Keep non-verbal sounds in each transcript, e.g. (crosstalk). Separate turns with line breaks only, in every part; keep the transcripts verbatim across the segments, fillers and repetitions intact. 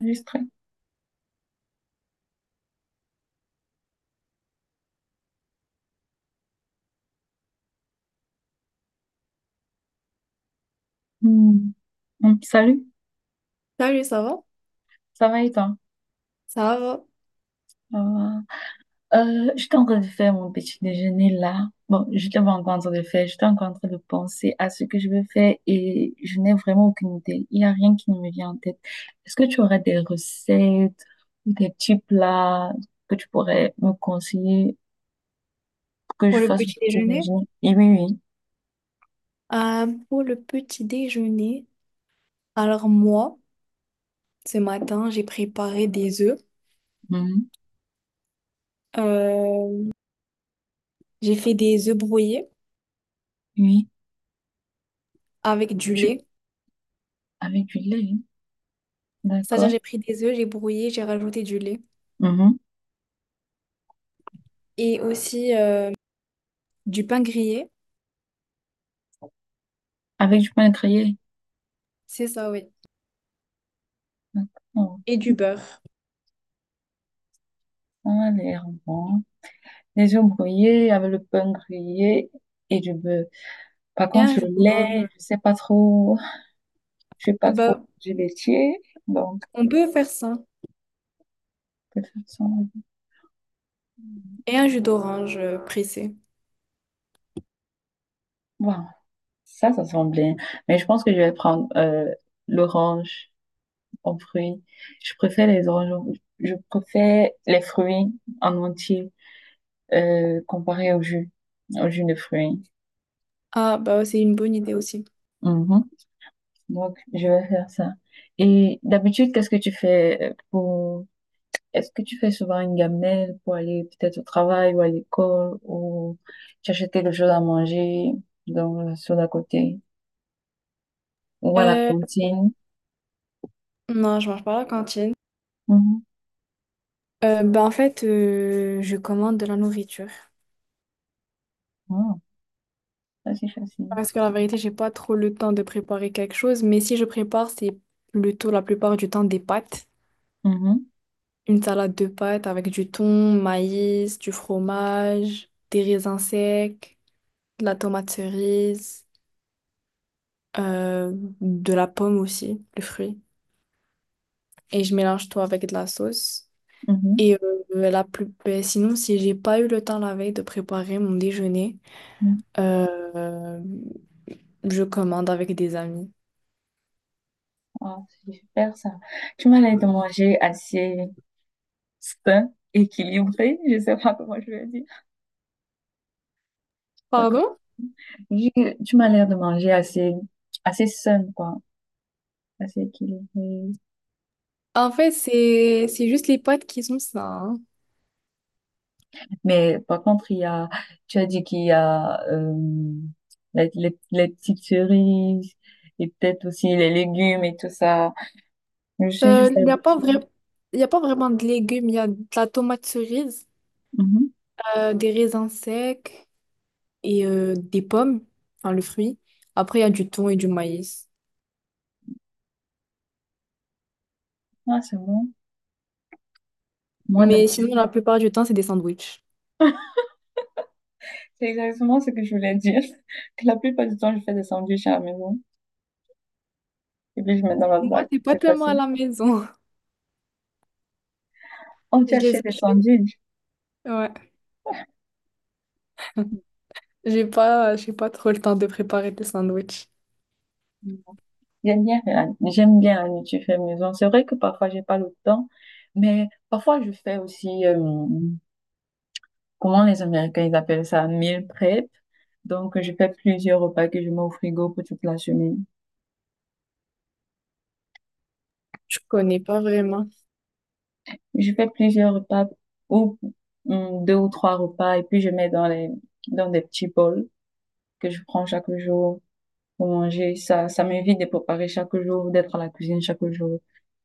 Enregistré. Hmm. Donc, salut,
Salut, ça va?
ça va et toi?
Ça va.
Ça va. Euh, j'étais en train de faire mon petit déjeuner là. Bon, je n'étais pas encore en train de le faire, j'étais encore en train de penser à ce que je veux faire et je n'ai vraiment aucune idée. Il n'y a rien qui ne me vient en tête. Est-ce que tu aurais des recettes ou des petits plats que tu pourrais me conseiller pour que je
Pour le
fasse mon
petit
petit
déjeuner?
déjeuner? Et oui, oui.
Euh, pour le petit déjeuner, alors moi, ce matin, j'ai préparé des œufs.
Mhm.
Euh, j'ai fait des œufs brouillés
Oui,
avec du
je...
lait.
avec du lait, hein.
C'est-à-dire,
D'accord.
j'ai pris des œufs, j'ai brouillé, j'ai rajouté du lait.
Mhm.
Et aussi euh, du pain grillé.
Avec du pain grillé,
C'est ça, oui.
d'accord.
Et du beurre.
Ça a l'air bon. Les œufs brouillés avec le pain grillé et du beurre. Par
Et
contre,
un jus
le lait,
d'orange.
je sais pas trop, je suis
Ah
pas trop
bah,
du laitier, donc
on peut faire ça.
de toute façon,
Et un jus d'orange euh, pressé.
bon, ça, ça sent bien. Mais je pense que je vais prendre euh, l'orange en fruits. Je préfère les oranges, en- je préfère les fruits en entier euh, comparé au jus, au jus de fruits.
Ah, bah c'est une bonne idée aussi.
Mhm. Donc, je vais faire ça. Et d'habitude, qu'est-ce que tu fais euh, pour est-ce que tu fais souvent une gamelle pour aller peut-être au travail ou à l'école ou tu achètes quelque chose à manger dans, sur la côté ou à la
Euh,
cantine?
non, je mange pas à la cantine.
Mhm.
Euh, ben, en fait, euh, je commande de la nourriture.
Ah, ça c'est facile.
Parce que la vérité, j'ai pas trop le temps de préparer quelque chose, mais si je prépare, c'est plutôt la plupart du temps des pâtes.
Mhm,
Une salade de pâtes avec du thon, maïs, du fromage, des raisins secs, de la tomate cerise, euh, de la pomme aussi, le fruit. Et je mélange tout avec de la sauce.
mhm,
Et euh, la plus... ben, sinon, si j'ai pas eu le temps la veille de préparer mon déjeuner,
mhm.
Euh, je commande avec des amis.
Ah, c'est super ça. Tu m'as l'air de manger assez sain, équilibré, je sais pas comment je vais dire. Pas comme-
Pardon?
Je- Tu m'as l'air de manger assez, assez sain, quoi. Assez équilibré,
En fait, c'est c'est juste les pâtes qui sont ça, hein.
mais par contre, il y a, tu as dit qu'il y a euh, les, les, les petites cerises et peut-être aussi les légumes et tout ça. Je suis
Euh,
juste
Il n'y a pas
habituée.
vrai... il y a pas vraiment de légumes. Il y a de la tomate cerise,
Mhm.
euh, des raisins secs et euh, des pommes, enfin le fruit. Après, il y a du thon et du maïs.
Ah, c'est bon. Moi,
Mais
d'habitude.
sinon, la plupart du temps, c'est des sandwichs.
C'est exactement ce que je voulais dire. (laughs) Que la plupart du temps, je fais des sandwichs à la maison. Et puis, je mets dans la
Moi,
sac.
c'est pas
C'est
tellement à
facile.
la maison. (laughs)
On
Je les
t'achète des
achète.
sandwichs.
Ouais. J'ai pas, j'ai pas trop le temps de préparer des sandwichs.
J'aime bien, la- j'aime bien la nourriture faite maison. C'est vrai que parfois, j'ai pas le temps. Mais parfois, je fais aussi. Euh, comment les Américains ils appellent ça, meal prep. Donc, je fais plusieurs repas que je mets au frigo pour toute la semaine.
Je connais pas vraiment.
Je fais plusieurs repas ou hum, deux ou trois repas et puis je mets dans les dans des petits bols que je prends chaque jour pour manger. Ça, ça m'évite de préparer chaque jour, d'être à la cuisine chaque jour.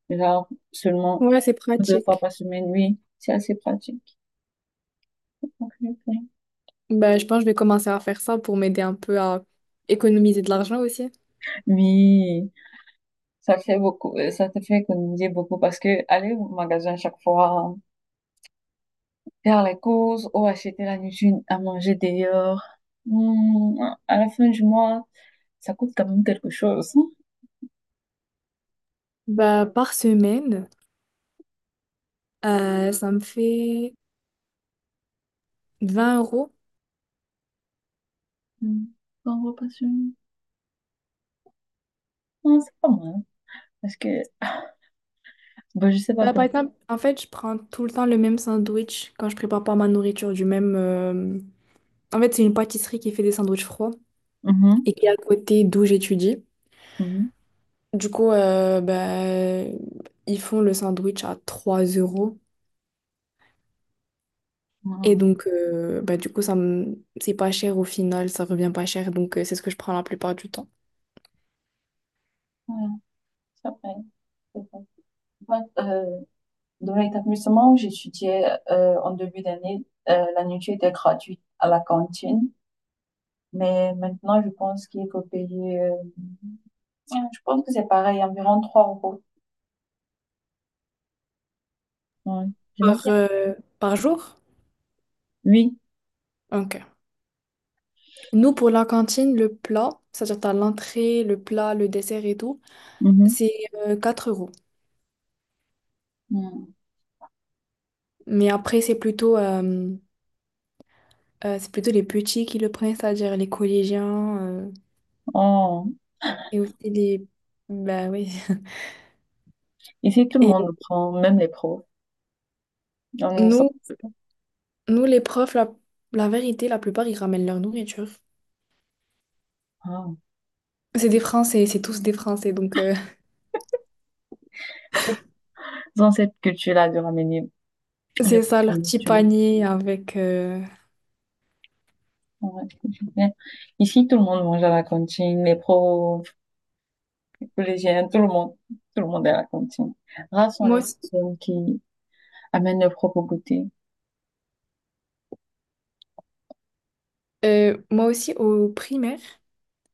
Genre seulement
Ouais, c'est
deux fois
pratique.
par semaine, oui, c'est assez pratique. Ok, ok.
Bah, je pense que je vais commencer à faire ça pour m'aider un peu à économiser de l'argent aussi.
Oui, ça fait beaucoup, euh, ça te fait économiser beaucoup parce que aller au magasin chaque fois. Faire les courses ou acheter la nuisine à manger dehors. Hmm, à la fin du mois, ça coûte quand même quelque chose.
Bah, par semaine, euh, ça me fait vingt euros.
Hmm, bon, repassion. Non, c'est pas mal. Parce que, bon, je sais pas
Bah, par
comment.
exemple, en fait, je prends tout le temps le même sandwich quand je prépare pas ma nourriture du même... euh, En fait, c'est une pâtisserie qui fait des sandwichs froids
Mhm,
et qui est à côté d'où j'étudie.
mhm.
Du coup, euh, bah, ils font le sandwich à trois euros. Et
Ah,
donc, euh, bah, du coup, ça me... c'est pas cher au final, ça revient pas cher. Donc, euh, c'est ce que je prends la plupart du temps.
voilà, ça va. C'est bon. Bah, euh, Dans l'établissement où j'étudiais euh, en début d'année, euh, la nourriture était gratuite à la cantine. Mais maintenant, je pense qu'il faut payer, euh, je pense que c'est pareil, environ trois euros. Ouais, j'aime
Par,
bien.
euh, par jour?
Oui.
Ok. Nous, pour la cantine, le plat, c'est-à-dire t'as l'entrée, le plat, le dessert et tout,
Mhm.
c'est euh, quatre euros.
Mm.
Mais après, c'est plutôt, euh, euh, c'est plutôt les petits qui le prennent, c'est-à-dire les collégiens euh,
Oh.
et aussi les... Bah oui. (laughs)
Ici, tout le
Et
monde le prend, même les pros. On s'en-
nous, Nous, les profs, la, la vérité, la plupart, ils ramènent leur nourriture.
Ah,
C'est des Français, c'est tous des Français, donc euh,
dans cette culture-là de ramener
(laughs)
le
c'est ça, leur petit
produit.
panier avec... euh,
Ouais. Ici, tout le monde mange à la cantine, les pros, collégienne, tout le monde, tout le monde est à la cantine. Rares sont
Moi
les
aussi,
personnes qui amènent leur propre goûter.
euh, moi aussi, au primaire,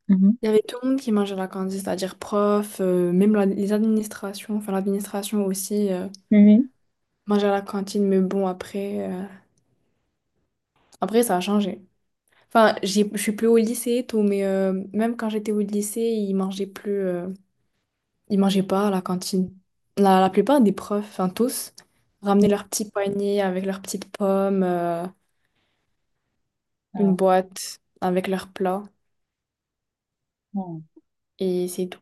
Mhm.
il y avait tout le monde qui mangeait à la cantine, c'est-à-dire prof, euh, même la- les administrations, enfin l'administration aussi euh,
Oui,
mangeait à la cantine, mais bon, après, euh, après ça a changé. Enfin, j'ai- je suis plus au lycée et tout, mais euh, même quand j'étais au lycée, ils mangeaient plus... euh, ils mangeaient pas à la cantine. La, la plupart des profs, enfin tous, ramenaient
oui.
leur petit panier avec leurs petites pommes, euh, une
Alors,
boîte avec leurs plats,
bon,
et c'est tout.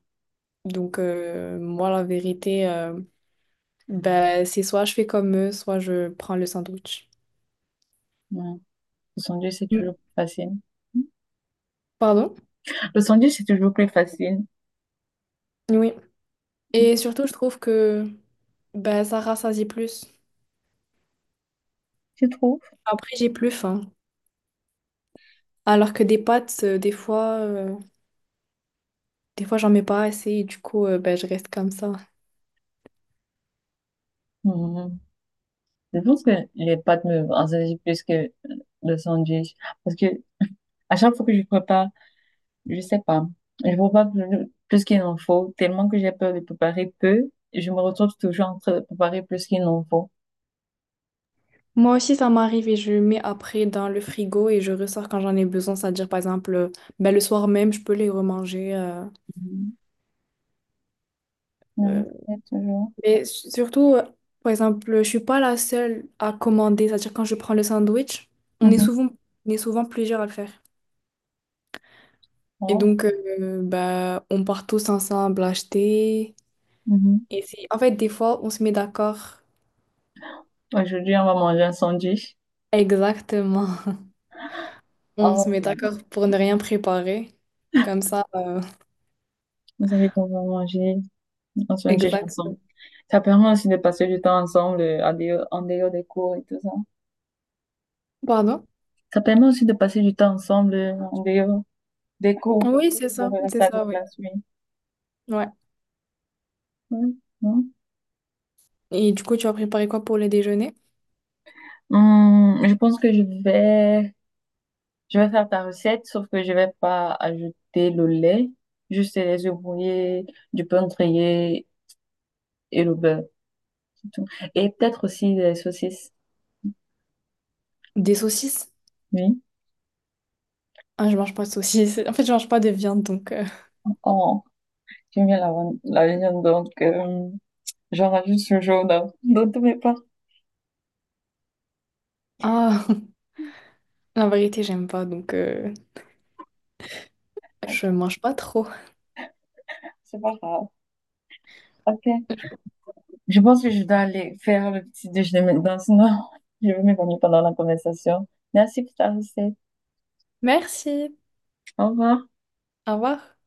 Donc, euh, moi, la vérité, euh, ben, c'est soit je fais comme eux, soit je prends le sandwich.
ouais. Le sandwich, c'est
Mm.
toujours plus facile.
Pardon?
Le sandwich, c'est toujours plus facile.
Oui. Et surtout, je trouve que ben, ça rassasie plus.
Tu trouves?
Après, j'ai plus faim. Alors que des pâtes, euh, des fois, euh, des fois, j'en mets pas assez, et du coup, euh, ben, je reste comme ça.
Mhm. Je pense que les pâtes me rassaisent plus que le sandwich. Parce que à chaque fois que je prépare, je sais pas, je prépare plus plus qu'il en faut, tellement que j'ai peur de préparer peu, je me retrouve toujours en train de préparer plus qu'il n'en faut.
Moi aussi, ça m'arrive et je mets après dans le frigo et je ressors quand j'en ai besoin. C'est-à-dire, par exemple, euh, ben, le soir même, je peux les remanger. euh,
Mhm. Ouais,
euh.
c'est toujours.
Mais su- surtout, euh, par exemple, je suis pas la seule à commander. C'est-à-dire, quand je prends le sandwich, on est
Mhm.
souvent, on est souvent plusieurs à le faire. Et
Oh.
donc, euh, bah, on part tous ensemble acheter.
Mhm.
Et c'est- en fait, des fois, on se met d'accord.
Aujourd'hui, on va manger un sandwich.
Exactement. On
Oh,
se met d'accord pour ne rien préparer. Comme ça, euh,
vous savez qu'on va manger un
(laughs)
sandwich
exact.
ensemble. Ça permet aussi de passer du temps ensemble euh, en dehors, en dehors des cours et tout ça.
Pardon?
Ça permet aussi de passer du temps ensemble euh, en dehors des cours,
Oui, c'est
de
ça, c'est
relaxer avec
ça, oui.
la classe, oui.
Ouais.
Oui, non.
Et du coup, tu vas préparer quoi pour le déjeuner?
Hum, je pense que je vais, je vais faire ta recette, sauf que je vais pas ajouter le lait, juste les œufs brouillés, du pain grillé et le beurre. C'est tout. Et peut-être aussi des saucisses.
Des saucisses?
Oui.
Ah, je mange pas de saucisses. (laughs) En fait, je mange pas de viande, donc... euh,
Oh 어, 김이랑은 la van- la viande, donc euh, j'en rajoute ce jaune hein, dans tous mes plats.
Ah, (laughs) la vérité, j'aime pas, donc... euh,
Ok,
je mange pas trop.
c'est pas grave. Ok,
(laughs)
je pense que je dois aller faire le petit déjeuner maintenant, sinon (laughs) je vais m'évanouir pendant la conversation. Merci pour ta recette.
Merci.
Au revoir.
Au revoir.